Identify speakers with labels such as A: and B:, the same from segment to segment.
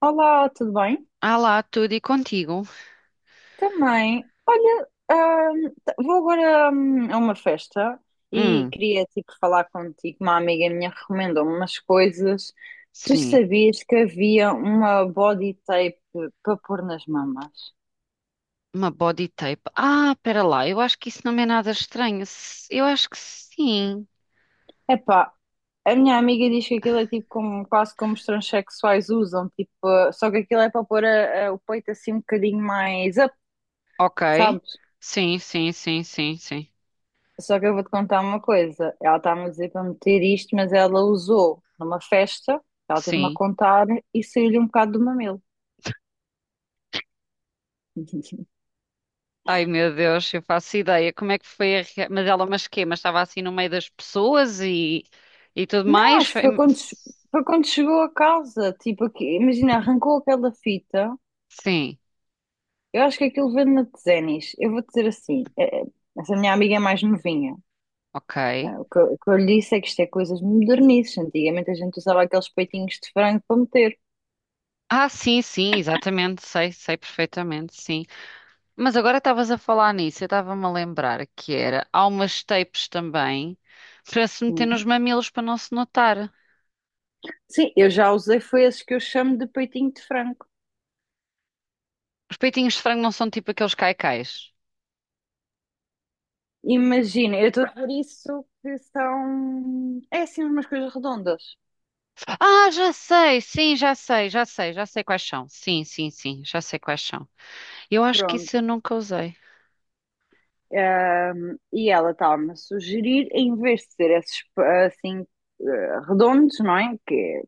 A: Olá, tudo bem?
B: Ah lá, tudo e contigo.
A: Também. Olha, vou agora, a uma festa e
B: Hum,
A: queria tipo falar contigo. Uma amiga minha recomendou-me umas coisas. Tu
B: sim.
A: sabias que havia uma body tape para pôr nas mamas?
B: Uma body tape. Ah, pera lá, eu acho que isso não é nada estranho. Eu acho que sim.
A: Epá, a minha amiga diz que aquilo é tipo como, quase como os transexuais usam, tipo, só que aquilo é para pôr o peito assim um bocadinho mais up,
B: Ok.
A: sabe?
B: Sim, sim, sim, sim, sim.
A: Só que eu vou-te contar uma coisa. Ela está a dizer para meter isto, mas ela usou numa festa, ela teve-me a
B: Sim.
A: contar e saiu-lhe um bocado do mamilo.
B: Ai meu Deus, eu faço ideia. Como é que foi a rea... Mas ela, mas quê? Mas estava assim no meio das pessoas e tudo
A: Não,
B: mais?
A: acho que foi quando, foi quando chegou a casa. Tipo, aqui, imagina, arrancou aquela fita.
B: Sim,
A: Eu acho que aquilo vende na Tezenis. Eu vou-te dizer assim: essa minha amiga é mais novinha.
B: ok.
A: O que, o que eu lhe disse é que isto é coisas modernices. Antigamente a gente usava aqueles peitinhos de frango para meter.
B: Ah, sim, sim, exatamente. Sei, sei perfeitamente, sim. Mas agora estavas a falar nisso, eu estava-me a lembrar que era, há umas tapes também para se meter
A: Uhum.
B: nos mamilos para não se notar.
A: Sim, eu já usei, foi esses que eu chamo de peitinho de frango.
B: Os peitinhos de frango não são tipo aqueles caicais.
A: Imagina, eu estou por isso que são. É assim umas coisas redondas.
B: Ah, já sei, sim, já sei, já sei, já sei quais são. Sim, sim, sim, já sei quais são. Eu acho que
A: Pronto.
B: isso eu nunca usei.
A: E ela estava-me a sugerir, em vez de ser esses assim redondos, não é? Que é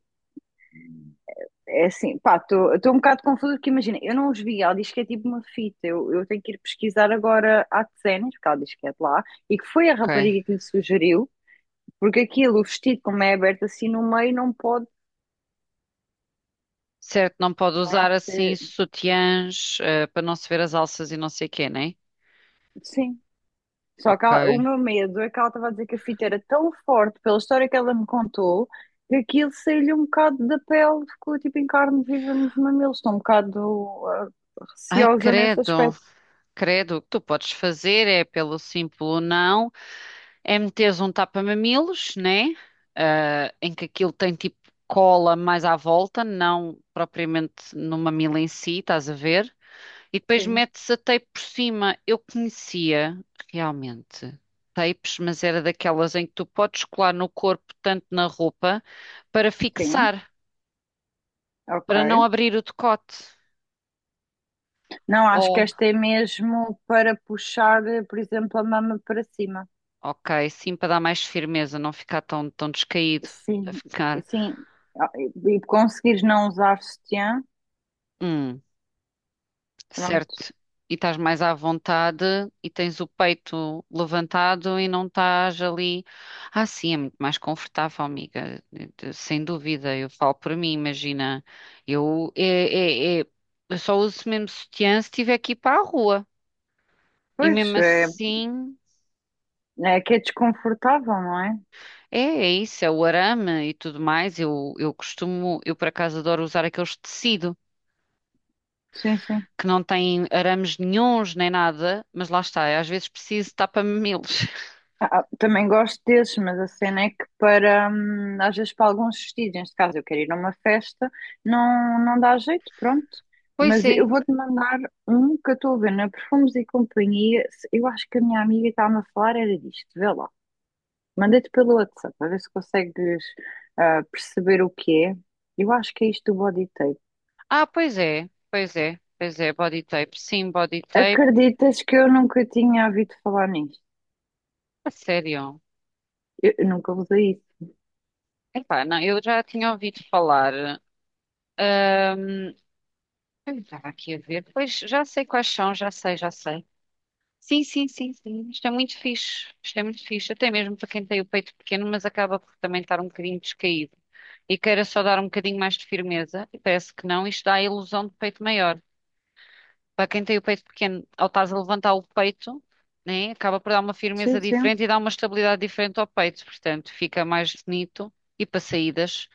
A: é assim, pá, estou um bocado confusa porque imagina, eu não os vi, ela diz que é tipo uma fita, eu tenho que ir pesquisar agora à Tsenes, porque ela diz que é de lá, e que foi a
B: Ok.
A: rapariga que lhe sugeriu, porque aquilo, o vestido, como é aberto assim no meio, não pode,
B: Certo, não pode
A: não é?
B: usar assim sutiãs, para não se ver as alças e não sei o quê, né?
A: Sim. Só que
B: Ok.
A: o meu medo é que ela estava a dizer que a fita era tão forte pela história que ela me contou que aquilo saiu-lhe um bocado da pele, ficou tipo em carne viva nos mamilos. Estou um bocado
B: Ai,
A: receosa nesse
B: credo,
A: aspecto.
B: credo. O que tu podes fazer é pelo simples não. É meteres um tapa-mamilos, né? Ah, em que aquilo tem tipo cola mais à volta, não propriamente no mamilo em si, estás a ver? E depois
A: Sim,
B: metes a tape por cima. Eu conhecia realmente tapes, mas era daquelas em que tu podes colar no corpo, tanto na roupa, para
A: sim,
B: fixar, para não
A: ok.
B: abrir o decote.
A: Não, acho que
B: Oh,
A: esta é mesmo para puxar, por exemplo, a mama para cima.
B: ok, sim, para dar mais firmeza, não ficar tão, tão descaído, para
A: Sim,
B: ficar.
A: sim. Ah, e conseguires não usar sutiã,
B: Hum,
A: pronto.
B: certo? E estás mais à vontade e tens o peito levantado e não estás ali. Ah, sim, é muito mais confortável, amiga. Sem dúvida, eu falo por mim, imagina. Eu, é, é, é- eu só uso mesmo sutiã se tiver que ir para a rua. E
A: Pois,
B: mesmo
A: é,
B: assim,
A: é que é desconfortável, não é?
B: é, é isso, é o arame e tudo mais. Eu costumo, eu por acaso adoro usar aqueles de tecido.
A: Sim, sim.
B: Que não têm arames nenhuns nem nada, mas lá está, eu às vezes preciso de tapa-mamilos.
A: Ah, ah, também gosto desses, mas a cena é que para, às vezes para alguns vestidos, neste caso eu quero ir a uma festa, não dá jeito, pronto.
B: Pois
A: Mas
B: é.
A: eu vou-te mandar um que eu estou a ver na Perfumes e Companhia. Eu acho que a minha amiga estava a falar era disto, vê lá. Mandei-te pelo WhatsApp, a ver se consegues perceber o que é. Eu acho que é isto do body tape.
B: Ah, pois é, pois é, pois é, body tape. Sim, body tape.
A: Acreditas que eu nunca tinha ouvido falar nisto?
B: A sério.
A: Eu nunca usei isso.
B: Epá, não, eu já tinha ouvido falar. ahm, eu estava aqui a ver. Pois já sei quais são, já sei, já sei. Sim, sim, sim, sim. Isto é muito fixe. Isto é muito fixe. Até mesmo para quem tem o peito pequeno, mas acaba por também estar um bocadinho descaído. E queira só dar um bocadinho mais de firmeza. E parece que não, isto dá a ilusão de peito maior. Para quem tem o peito pequeno, ao estás a levantar o peito, né, acaba por dar uma firmeza
A: Sim, sim.
B: diferente e dá uma estabilidade diferente ao peito, portanto, fica mais bonito. E para saídas,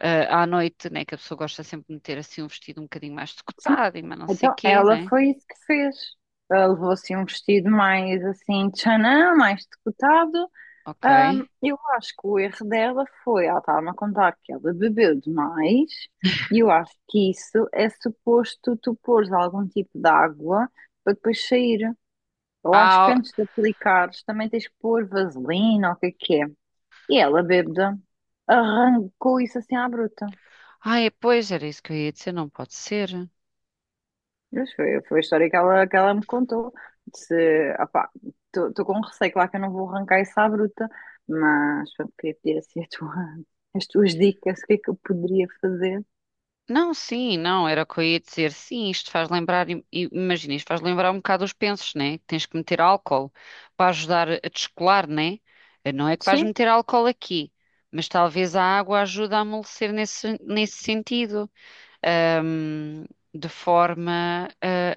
B: ah, à noite, né, que a pessoa gosta sempre de meter assim um vestido um bocadinho mais
A: Sim.
B: decotado e mais não sei
A: Então,
B: quê,
A: ela
B: né?
A: foi isso que fez. Ela levou assim um vestido mais assim, tchanã, mais decotado.
B: Ok.
A: Eu acho que o erro dela foi, ela estava-me a contar que ela bebeu demais, e eu acho que isso é suposto tu pôres algum tipo de água para depois sair. Eu acho que
B: Ah,
A: antes de aplicares também tens que pôr vaselina ou o que é que é. E ela, bêbada, arrancou isso assim à bruta.
B: ai, pois era isso que eu ia dizer, não pode ser.
A: Mas foi, foi a história que que ela me contou. Disse, opá, estou com um receio, claro que eu não vou arrancar isso à bruta, mas pronto, queria pedir assim as tuas dicas, o que é que eu poderia fazer?
B: Não, sim, não, era o que eu ia dizer. Sim, isto faz lembrar, imagina, isto faz lembrar um bocado os pensos, né? Que tens que meter álcool para ajudar a descolar, né? Não é que vais
A: Sim,
B: meter álcool aqui, mas talvez a água ajude a amolecer nesse, nesse sentido, ahm, de forma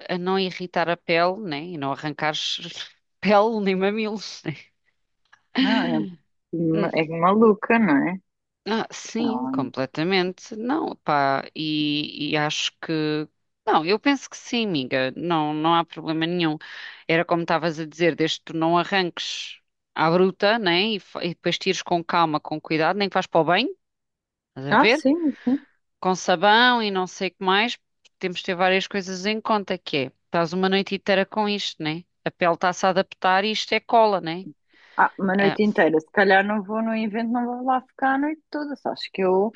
B: a não irritar a pele, né? E não arrancares pele nem mamilos,
A: não,
B: né?
A: é, é maluca, não é?
B: Ah, sim,
A: Então,
B: completamente. Não, pá, e acho que. Não, eu penso que sim, amiga. Não, não há problema nenhum. Era como estavas a dizer, desde que tu não arranques à bruta, né? E depois tires com calma, com cuidado, nem que vais para o banho, estás a
A: ah,
B: ver?
A: sim, sim.
B: Com sabão e não sei o que mais. Temos de ter várias coisas em conta, que é, estás uma noite inteira com isto, né? A pele está-se a adaptar e isto é cola, né?
A: Ah, uma
B: Ah,
A: noite inteira, se calhar não vou no evento, não vou lá ficar a noite toda, só acho que eu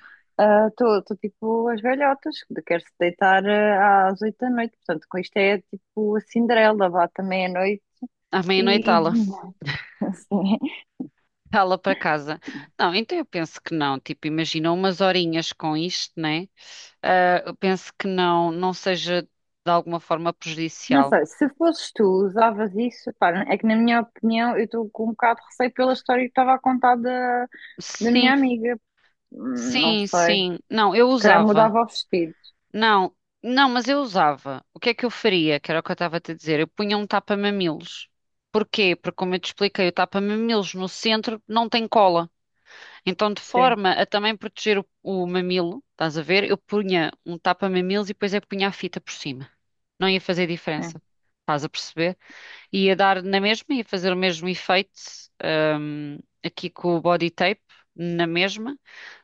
A: estou tipo as velhotas, que quero-se deitar às 8 da noite, portanto com isto é tipo a Cinderela, vá também à noite
B: à meia-noite,
A: E não sei,
B: lá para casa. Não, então eu penso que não. Tipo, imagina umas horinhas com isto, né? Ah, eu penso que não, não seja de alguma forma
A: não
B: prejudicial.
A: sei, se fosses tu, usavas isso, pá, é que na minha opinião eu estou com um bocado de receio pela história que estava a contar da minha
B: Sim,
A: amiga. Não
B: sim,
A: sei, se
B: sim. Não, eu
A: calhar
B: usava.
A: mudava os vestidos.
B: Não, não, mas eu usava. O que é que eu faria? Que era o que eu estava a te dizer. Eu punha um tapa-mamilos. Porquê? Porque, como eu te expliquei, o tapa-mamilos no centro não tem cola. Então, de
A: Sim,
B: forma a também proteger o mamilo, estás a ver? Eu punha um tapa-mamilos e depois eu punha a fita por cima, não ia fazer
A: sim,
B: diferença. Estás a perceber? Ia dar na mesma, ia fazer o mesmo efeito, hum, aqui com o body tape, na mesma,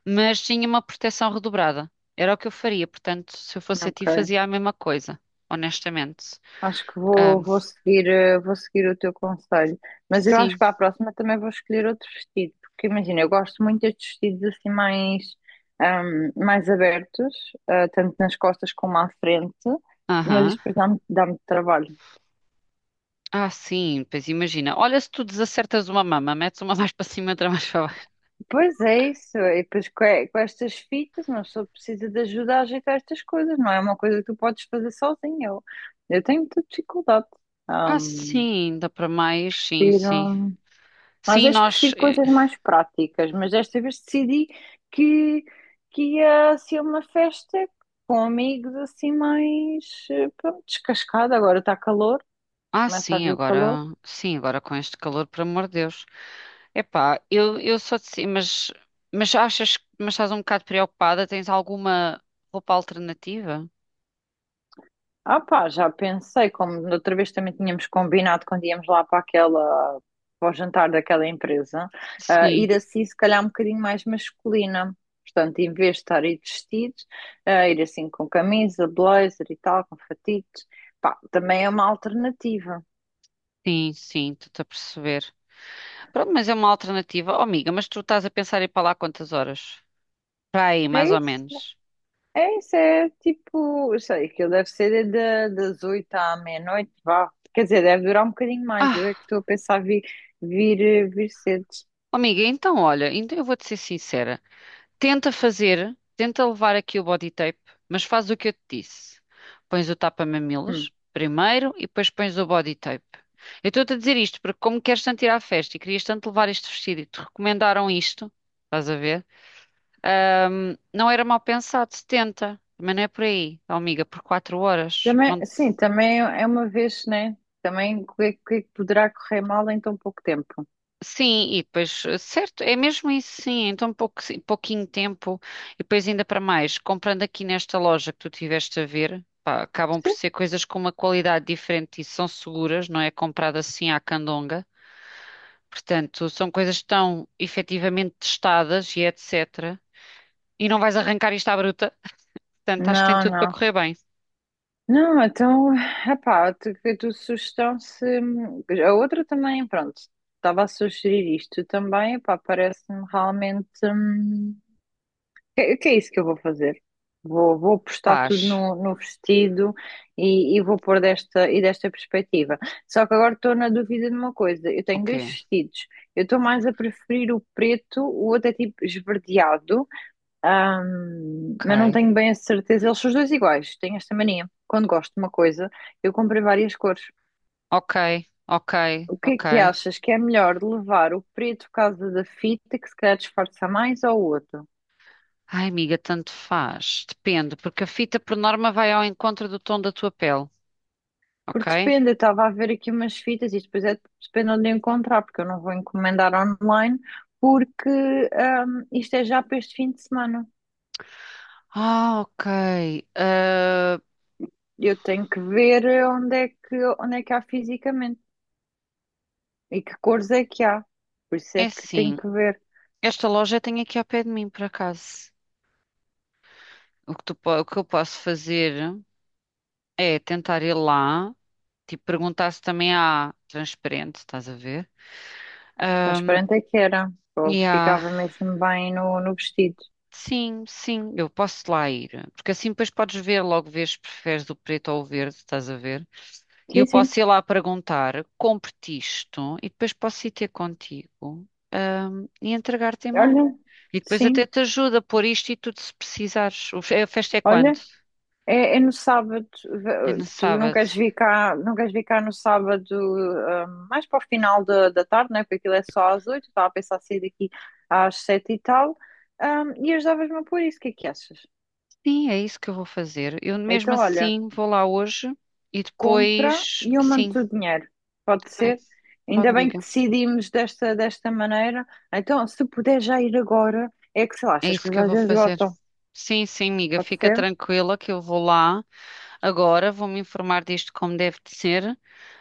B: mas tinha uma proteção redobrada. Era o que eu faria, portanto, se eu fosse a ti,
A: ok.
B: fazia a mesma coisa, honestamente.
A: Acho que vou,
B: Hum,
A: vou seguir, vou seguir o teu conselho. Mas eu acho
B: sim,
A: que para a próxima também vou escolher outro vestido, porque imagina, eu gosto muito destes vestidos assim mais, mais abertos, tanto nas costas como à frente. Mas
B: aham.
A: isto depois dá-me trabalho.
B: Ah, sim, pois imagina. Olha, se tu desacertas uma mama, metes uma mais para cima, outra mais para baixo.
A: Pois é isso, e depois com estas fitas uma pessoa precisa de ajuda a ajeitar estas coisas, não é uma coisa que tu podes fazer sozinha. Eu tenho muita dificuldade.
B: Ah,
A: Ahm,
B: sim, dá para mais, sim, sim.
A: prefiro- às
B: Sim,
A: vezes
B: nós.
A: prefiro
B: eh,
A: coisas mais práticas, mas desta vez decidi que, que ia ser uma festa com amigos assim mais pronto, descascada. Agora está calor,
B: Ah,
A: começa a
B: sim,
A: vir o calor.
B: agora. Sim, agora com este calor, por amor de Deus. Epá, eu só disse, mas achas, mas estás um bocado preocupada? Tens alguma roupa alternativa?
A: Ah pá, já pensei, como da outra vez também tínhamos combinado quando íamos lá para aquela, para o jantar daquela empresa,
B: Sim,
A: ir assim se calhar um bocadinho mais masculina. Portanto, em vez de estar aí de vestidos, ir assim com camisa, blazer e tal, com fatitos, pá, também é uma alternativa.
B: sim, sim, estou-te a perceber. Pronto, mas é uma alternativa. Oh, amiga, mas tu estás a pensar em ir para lá quantas horas? Para aí, mais
A: É
B: ou
A: isso,
B: menos.
A: é isso, é tipo, eu sei, aquilo deve ser das 8 à meia-noite, vá. Quer dizer, deve durar um bocadinho mais, eu é que
B: Ah,
A: estou a pensar vir, vir, vir cedo.
B: oh, amiga, então olha, então eu vou-te ser sincera. Tenta fazer, tenta levar aqui o body tape, mas faz o que eu te disse. Pões o
A: Hum.
B: tapa-mamilos primeiro e depois pões o body tape. Eu estou-te a dizer isto porque, como queres tanto ir à festa e querias tanto levar este vestido e te recomendaram isto, estás a ver? Não era mal pensado, 70. Também não é por aí, ó, amiga, por 4 horas.
A: Também,
B: Não.
A: sim, também é uma vez, né? Também o que, o que é que poderá correr mal em tão pouco tempo?
B: Sim, e depois, eh, certo, é mesmo isso, sim. Então, pouquinho tempo, e depois, ainda para mais, comprando aqui nesta loja que tu tiveste a ver, pá, acabam por
A: Sim.
B: ser coisas com uma qualidade diferente e são seguras, não é comprado assim à candonga. Portanto, são coisas que estão efetivamente testadas e etc. E não vais arrancar isto à bruta. Portanto, acho que tem
A: Não,
B: tudo para
A: não.
B: correr bem.
A: Não, então, epá, a tua sugestão se. A outra também, pronto, estava a sugerir isto também, epá, parece-me realmente. Hum, que é isso que eu vou fazer? Vou, vou postar tudo
B: Paz.
A: no vestido e vou pôr e desta perspectiva. Só que agora estou na dúvida de uma coisa. Eu tenho
B: Ok,
A: dois vestidos. Eu estou mais a preferir o preto, o outro é tipo esverdeado, mas não
B: ok,
A: tenho bem a certeza. Eles são os dois iguais. Tenho esta mania. Quando gosto de uma coisa, eu comprei várias cores.
B: ok, ok,
A: O que é
B: ok.
A: que achas que é melhor de levar o preto por causa da fita, que se calhar disfarça mais, ou o outro?
B: Ai, amiga, tanto faz. Depende, porque a fita por norma vai ao encontro do tom da tua pele,
A: Porque
B: ok?
A: depende, eu estava a ver aqui umas fitas e depois é, depende onde encontrar, porque eu não vou encomendar online, porque isto é já para este fim de semana.
B: Ah, ok. Ah,
A: Eu tenho que ver onde é que há fisicamente e que cores é que há. Por isso
B: é
A: é que tenho
B: assim,
A: que ver.
B: esta loja tem aqui ao pé de mim, por acaso. O que eu posso fazer é tentar ir lá, tipo, perguntar se também há transparente, estás a ver?
A: Transparente é que era, ou
B: E há,
A: ficava mesmo bem no vestido.
B: sim, sim, eu posso lá ir. Porque assim depois podes ver, logo vês se preferes o preto ou o verde, estás a ver? E eu
A: Sim, sim.
B: posso ir lá perguntar, compre-te isto, e depois posso ir ter contigo, e entregar-te em mão.
A: Olha,
B: E depois
A: sim,
B: até te ajuda a pôr isto e tudo se precisares. A festa é
A: olha.
B: quando?
A: É, é no sábado,
B: É no
A: tu não
B: sábado.
A: queres vir cá, não queres vir cá no sábado, mais para o final da tarde, né? Porque aquilo é só às 8, estava a pensar sair daqui às 7 e tal, ah, e ajudavas-me a pôr isso, o que é que achas?
B: Sim, é isso que eu vou fazer. Eu mesmo
A: Então, olha,
B: assim vou lá hoje e
A: compra
B: depois,
A: e eu
B: sim,
A: mando-te o dinheiro, pode
B: bem,
A: ser?
B: pode,
A: Ainda bem que
B: amiga.
A: decidimos desta, desta maneira, então se puder já ir agora, é que sei lá,
B: É
A: estas
B: isso que
A: coisas
B: eu
A: às
B: vou
A: vezes
B: fazer.
A: esgotam,
B: Sim, sim, amiga,
A: pode
B: fica
A: ser?
B: tranquila que eu vou lá agora, vou me informar disto como deve de ser.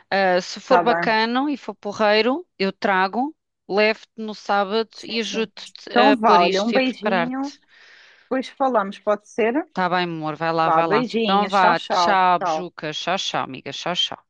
B: Ah, se for
A: Tá bem,
B: bacano e for porreiro, eu trago, levo-te no sábado e
A: sim, sim.
B: ajudo-te a
A: Então
B: pôr
A: vá, olha, um
B: isto e a
A: beijinho,
B: preparar-te.
A: depois falamos, pode ser?
B: Tá bem, amor, vai lá,
A: Vá,
B: vai lá. Então
A: beijinho, tchau,
B: vá,
A: tchau.
B: tchau,
A: Tchau.
B: bejuca, tchau, tchau, amiga, tchau, tchau.